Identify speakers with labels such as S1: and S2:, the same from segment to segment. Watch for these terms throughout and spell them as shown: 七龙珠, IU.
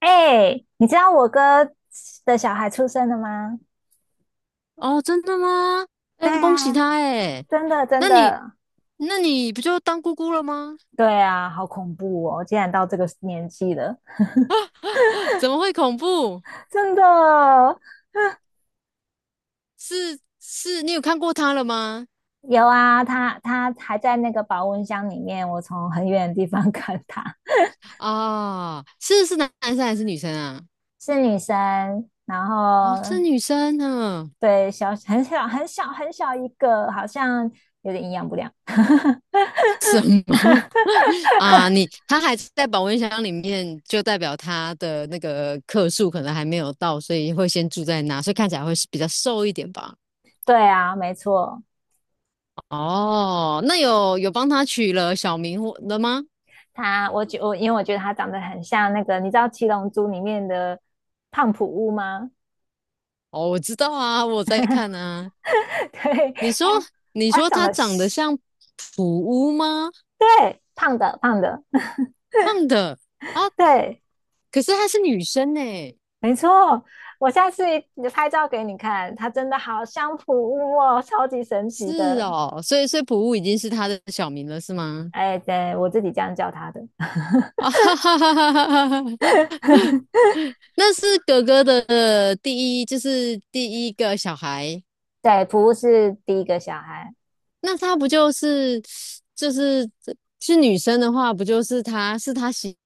S1: 哎，你知道我哥的小孩出生了吗？
S2: 哦，真的吗？哎，
S1: 对
S2: 恭喜
S1: 啊，
S2: 他哎！
S1: 真的，真
S2: 那你
S1: 的。
S2: 那你不就当姑姑了吗？
S1: 对啊，好恐怖哦！竟然到这个年纪了，
S2: 怎么会恐怖？
S1: 真的
S2: 是是，你有看过他了吗？
S1: 有啊。他还在那个保温箱里面，我从很远的地方 看他，
S2: 啊、是男生还是女生啊？
S1: 是女生，然
S2: 哦，是
S1: 后
S2: 女生呢？
S1: 对小很小很小很小一个，好像有点营养不良。
S2: 什么啊？你他还在保温箱里面，就代表他的那个克数可能还没有到，所以会先住在那，所以看起来会是比较瘦一点吧？
S1: 对啊，没错。
S2: 哦，那有帮他取了小名或了吗？
S1: 他，我觉我因为我觉得他长得很像那个，你知道《七龙珠》里面的胖普乌吗？
S2: 哦，我知道啊，我在看啊。
S1: 对，
S2: 你说，
S1: 他
S2: 你
S1: 他
S2: 说
S1: 长
S2: 她
S1: 得
S2: 长得
S1: 是
S2: 像普乌吗？
S1: 对胖的胖的，
S2: 胖的啊，
S1: 对，
S2: 可是她是女生呢、
S1: 没错。我下次拍照给你看，他真的好像普乌哦，超级神奇
S2: 是
S1: 的。
S2: 哦，所以普乌已经是她的小名了，是吗？
S1: 哎，对，我自己这样叫他的。
S2: 啊哈哈哈哈哈哈！那是哥哥的呃第一，就是第一个小孩。
S1: 对，普乌是第一个小孩。
S2: 那他不就是就是是女生的话，不就是他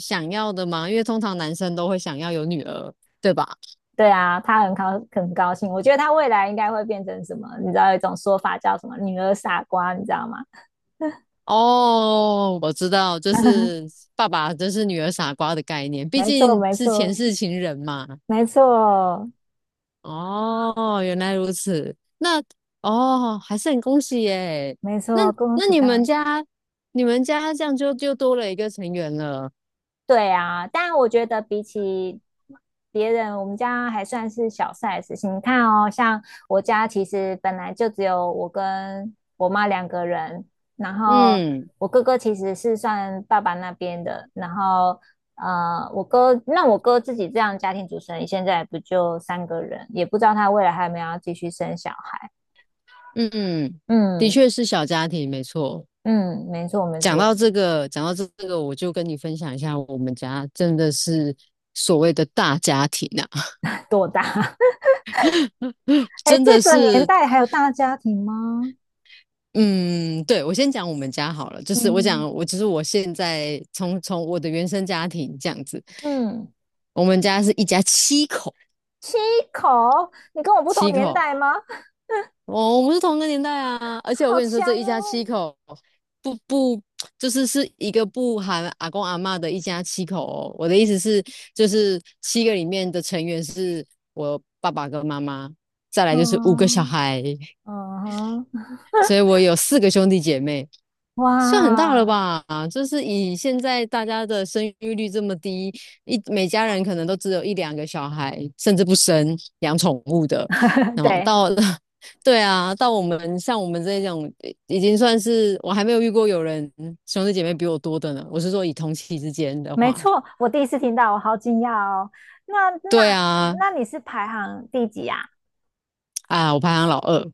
S2: 想要的吗？因为通常男生都会想要有女儿，对吧？
S1: 对啊，他很高兴，我觉得他未来应该会变成什么？你知道有一种说法叫什么"女儿傻瓜"，你知道吗？
S2: 哦，我知道，就 是爸爸就是女儿傻瓜的概念，毕
S1: 没错，
S2: 竟
S1: 没
S2: 是前
S1: 错，
S2: 世情人嘛。
S1: 没错，
S2: 哦，原来如此。那哦，还是很恭喜耶。
S1: 没
S2: 那
S1: 错，恭
S2: 那
S1: 喜
S2: 你们
S1: 他。
S2: 家，你们家这样就多了一个成员了。
S1: 对啊，但我觉得比起别人，我们家还算是小 size 你看哦，像我家其实本来就只有我跟我妈两个人，然后
S2: 嗯
S1: 我哥哥其实是算爸爸那边的，然后我哥自己这样家庭主持人，现在不就三个人，也不知道他未来还有没有要继续生小孩。
S2: 嗯，嗯，的
S1: 嗯
S2: 确是小家庭，没错。
S1: 嗯，没错没
S2: 讲到
S1: 错，
S2: 这个，讲到这个，我就跟你分享一下，我们家真的是所谓的大家庭啊。
S1: 多大？哎，
S2: 真
S1: 这
S2: 的
S1: 个年
S2: 是
S1: 代还有大家庭吗？
S2: 嗯，对，我先讲我们家好了，就是我讲
S1: 嗯
S2: 我，就是我现在从我的原生家庭这样子，
S1: 嗯，
S2: 我们家是一家七口，
S1: 七口，你跟我不
S2: 七
S1: 同年
S2: 口，
S1: 代吗？
S2: 哦，我们是同个年代啊，而且我
S1: 好
S2: 跟你说，这
S1: 强
S2: 一家
S1: 哦！
S2: 七口不就是一个不含阿公阿嬷的一家七口哦，我的意思是，就是七个里面的成员是我爸爸跟妈妈，再来就是五个小
S1: 嗯
S2: 孩，
S1: 嗯
S2: 所以我有四个兄弟姐妹。算很大了
S1: 哇，
S2: 吧？就是以现在大家的生育率这么低，每家人可能都只有一两个小孩，甚至不生养宠物的。然后
S1: 对，
S2: 到了 对啊，到我们这种，已经算是我还没有遇过有人兄弟姐妹比我多的呢。我是说以同期之间的
S1: 没
S2: 话，
S1: 错，我第一次听到，我好惊讶哦。那
S2: 对啊，
S1: 你是排行第几啊？
S2: 啊，我排行老二，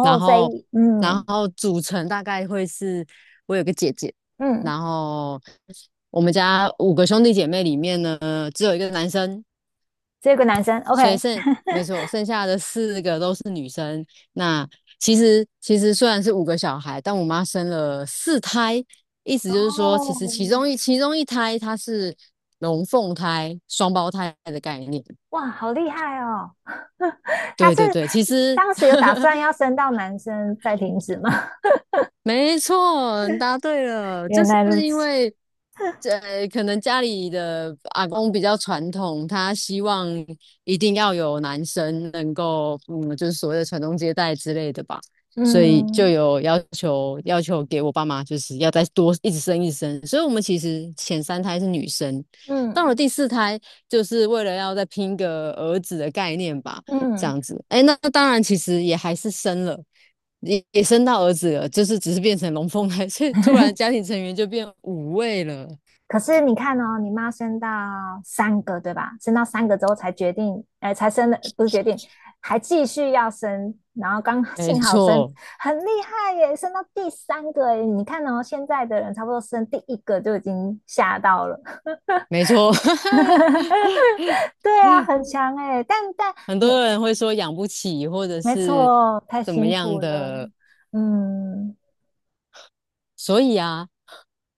S2: 然
S1: 所
S2: 后
S1: 以嗯
S2: 组成大概会是我有个姐姐，
S1: 嗯，
S2: 然后我们家五个兄弟姐妹里面呢，只有一个男生，
S1: 只有一个男生
S2: 所以
S1: ，OK。
S2: 没错，剩下的四个都是女生。那其实虽然是五个小孩，但我妈生了四胎，意思就是说，其
S1: 哦，
S2: 实其中一胎它是龙凤胎、双胞胎的概念。
S1: 哇，好厉害哦！他
S2: 对
S1: 是
S2: 对对，其实
S1: 当时有打算 要生到男生再停止吗？
S2: 没错，你答对 了，就
S1: 原
S2: 是
S1: 来如
S2: 因
S1: 此，
S2: 为，呃，可能家里的阿公比较传统，他希望一定要有男生能够，嗯，就是所谓的传宗接代之类的吧，所以就
S1: 嗯
S2: 有要求，给我爸妈就是要再多一直生一直生，所以我们其实前三胎是女生，到了
S1: 嗯
S2: 第四胎就是为了要再拼个儿子的概念吧。这
S1: 嗯。
S2: 样子。哎，那那当然，其实也还是生了，也生到儿子了，就是只是变成龙凤胎，所以突然家庭成员就变五位了。
S1: 可是你看哦，你妈生到三个，对吧？生到三个之后才决定，哎、才生的，不是决定，还继续要生，然后刚
S2: 没
S1: 幸好生，
S2: 错，
S1: 很厉害耶，生到第三个耶。你看哦，现在的人差不多生第一个就已经吓到了。
S2: 没错，
S1: 对啊，很强哎、但
S2: 很
S1: 你
S2: 多人会说养不起，或者
S1: 没
S2: 是
S1: 错，太
S2: 怎么
S1: 辛
S2: 样
S1: 苦了。
S2: 的
S1: 嗯
S2: 所以啊，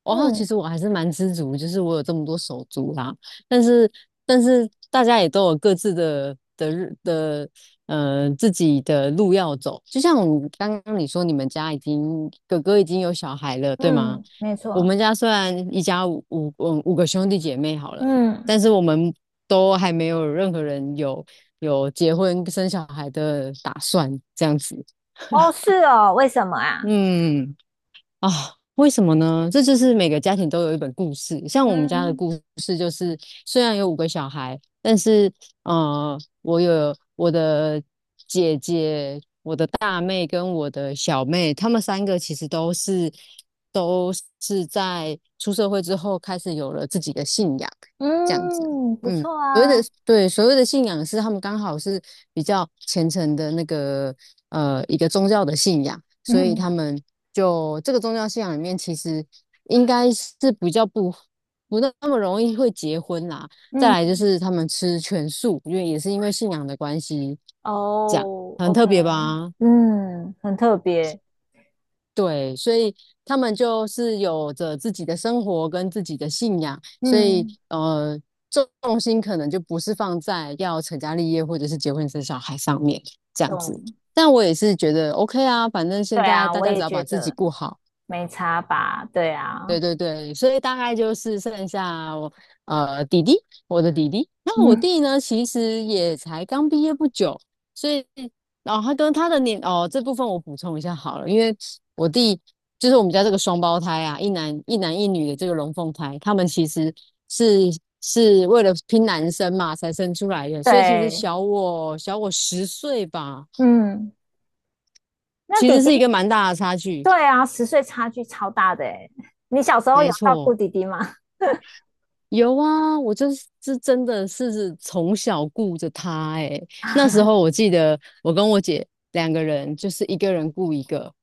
S2: 哇，其
S1: 嗯
S2: 实我还是蛮知足，就是我有这么多手足啦。但是，但是大家也都有各自的自己的路要走。就像我刚刚你说，你们家已经哥哥已经有小孩了，对吗？
S1: 嗯，没
S2: 我
S1: 错。
S2: 们家虽然一家五个兄弟姐妹好了，
S1: 嗯，
S2: 但是我们都还没有任何人有结婚生小孩的打算，这样子。
S1: 哦，是哦，为什么啊？
S2: 嗯。啊，为什么呢？这就是每个家庭都有一本故事。像我们家的
S1: 嗯
S2: 故事就是，虽然有五个小孩，但是呃，我有我的姐姐大妹跟我的小妹，她们三个其实都是在出社会之后开始有了自己的信仰，这样子。
S1: 嗯，不
S2: 嗯，
S1: 错
S2: 所谓的
S1: 啊。
S2: 对所谓的信仰是他们刚好是比较虔诚的那个呃一个宗教的信仰，所以他
S1: 嗯
S2: 们就这个宗教信仰里面其实应该是比较不那么容易会结婚啦。再来就
S1: 嗯，
S2: 是他们吃全素，因为也是因为信仰的关系，这样
S1: 哦
S2: 很特
S1: ，OK，
S2: 别吧？
S1: 嗯，很特别。
S2: 对，所以他们就是有着自己的生活跟自己的信仰，所以
S1: 嗯，
S2: 呃，重心可能就不是放在要成家立业或者是结婚生小孩上面这样子。
S1: 懂。
S2: 但我也是觉得 OK 啊，反正现
S1: 对
S2: 在
S1: 啊，
S2: 大
S1: 我
S2: 家只
S1: 也
S2: 要把
S1: 觉
S2: 自己
S1: 得
S2: 顾好，
S1: 没差吧。对
S2: 对
S1: 啊，
S2: 对对，所以大概就是剩下我呃弟弟，我的弟弟。那我
S1: 嗯，
S2: 弟呢，其实也才刚毕业不久，所以然后、他跟他的年哦这部分我补充一下好了，因为我弟就是我们家这个双胞胎啊，一男一女的这个龙凤胎，他们其实是是为了拼男生嘛才生出来的，所以其实
S1: 对，
S2: 小我10岁吧，
S1: 嗯，那
S2: 其
S1: 弟
S2: 实
S1: 弟。
S2: 是一个蛮大的差距。
S1: 对啊，10岁差距超大的哎。你小时候有
S2: 没
S1: 照顾
S2: 错，
S1: 弟弟吗？
S2: 有啊，我就是真的是从小顾着他诶、那时候我记得我跟我姐两个人，就是一个人顾一个，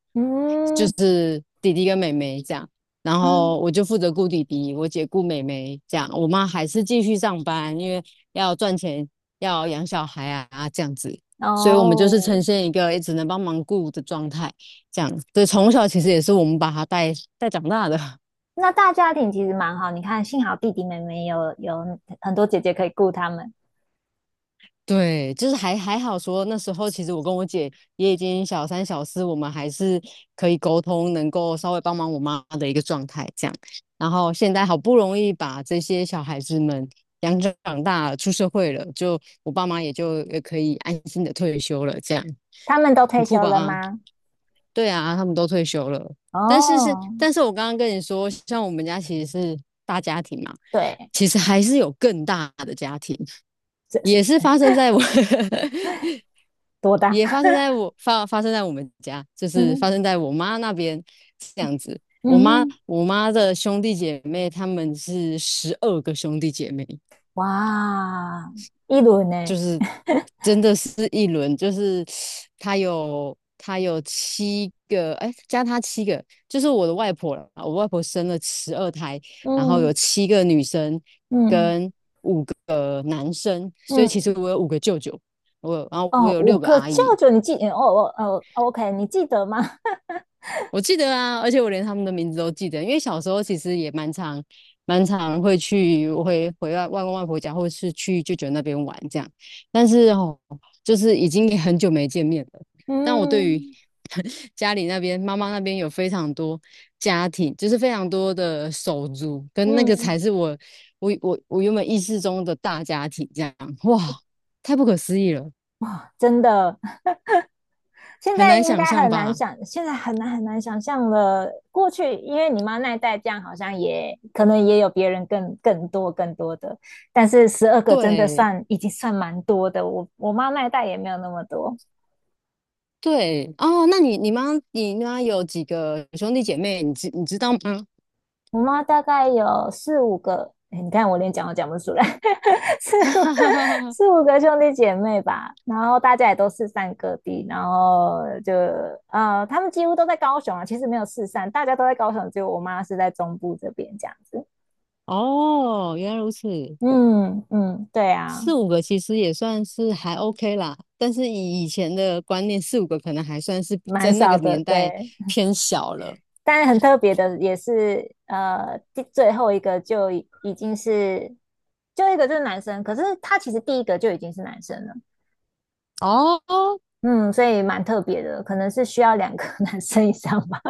S2: 就
S1: 嗯
S2: 是弟弟跟妹妹这样。然后
S1: 嗯，
S2: 我就负责顾弟弟，我姐顾妹妹这样。我妈还是继续上班，因为要赚钱，要养小孩啊这样子。所以我们就是呈
S1: 哦，
S2: 现一个也只能帮忙顾的状态，这样。所以从小其实也是我们把他带长大的。
S1: 那大家庭其实蛮好。你看，幸好弟弟妹妹有很多姐姐可以顾他们。
S2: 对，就是还好说，那时候其实我跟我姐也已经小三小四，我们还是可以沟通，能够稍微帮忙我妈的一个状态这样。然后现在好不容易把这些小孩子们养长大了，出社会了，就我爸妈也就可以安心的退休了，这样
S1: 他们都
S2: 很
S1: 退
S2: 酷
S1: 休
S2: 吧？
S1: 了
S2: 啊，
S1: 吗？
S2: 对啊，他们都退休了，
S1: 哦，
S2: 但是我刚刚跟你说，像我们家其实是大家庭嘛，
S1: 对，
S2: 其实还是有更大的家庭。
S1: 这
S2: 也
S1: 是
S2: 是发生在我
S1: 多大？
S2: 也发生 在我发发生在我们家，就是
S1: 嗯
S2: 发生在我妈那边这样子。我
S1: 嗯
S2: 妈
S1: 哼
S2: 我妈的兄弟姐妹，他们是12个兄弟姐妹，
S1: 哇，一轮
S2: 就
S1: 呢？
S2: 是真的是一轮，就是她有七个，哎，加她七个，就是我的外婆了。我外婆生了12胎，然后有
S1: 嗯
S2: 七个女生
S1: 嗯
S2: 跟五个男生，所以其实
S1: 嗯，
S2: 我有五个舅舅，然后我
S1: 哦，
S2: 有
S1: 五
S2: 六个
S1: 个
S2: 阿
S1: 舅
S2: 姨，
S1: 舅，你记？哦哦哦，OK，你记得吗？
S2: 我记得啊，而且我连他们的名字都记得，因为小时候其实也蛮常、蛮常会去，我会回外公外婆家，或是去舅舅那边玩这样。但是哦，就是已经也很久没见面了。但我对于
S1: 嗯
S2: 家里那边、妈妈那边有非常多家庭，就是非常多的手足，跟那个才
S1: 嗯。
S2: 是我原本意识中的大家庭这样。哇，太不可思议了，
S1: 真的，现
S2: 很
S1: 在
S2: 难
S1: 应
S2: 想
S1: 该
S2: 象
S1: 很难
S2: 吧？
S1: 想，现在很难很难想象了。过去因为你妈那一代这样，好像也可能也有别人更多更多的，但是12个真的
S2: 对。
S1: 算已经算蛮多的。我妈那一代也没有那么多。
S2: 对哦，那你妈有几个兄弟姐妹？你知道吗？
S1: 我妈大概有四五个，哎你看我连讲都讲不出来，四
S2: 哈
S1: 五
S2: 哈哈哈哈！
S1: 四五个兄弟姐妹吧，然后大家也都四散各地，然后就他们几乎都在高雄啊，其实没有四散，大家都在高雄，只有我妈是在中部这边这样子。
S2: 哦，原来如此，
S1: 嗯嗯，对啊，
S2: 四五个其实也算是还 OK 啦，但是以前的观念，四五个可能还算是在
S1: 蛮
S2: 那个
S1: 少的，
S2: 年代
S1: 对。
S2: 偏小了。
S1: 但很特别的也是，最后一个就已经是，就一个就是男生，可是他其实第一个就已经是男生了。
S2: 哦，
S1: 嗯，所以蛮特别的，可能是需要两个 男生以上吧。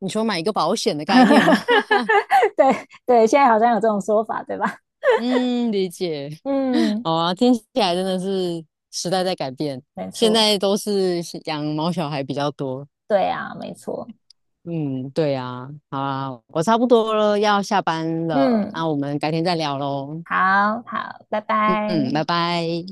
S2: 你说买一个保险的概念吗？
S1: 对对，现在好像有这种说法，对吧？
S2: 嗯，理解。
S1: 嗯，
S2: 好啊，听起来真的是时代在改变，
S1: 没
S2: 现在
S1: 错，
S2: 都是养毛小孩比较多。
S1: 对啊，没错。
S2: 嗯，对呀，好啊，我差不多了，要下班了，那
S1: 嗯，
S2: 我们改天再聊喽。
S1: 好好，拜
S2: 嗯
S1: 拜。
S2: 嗯，拜拜。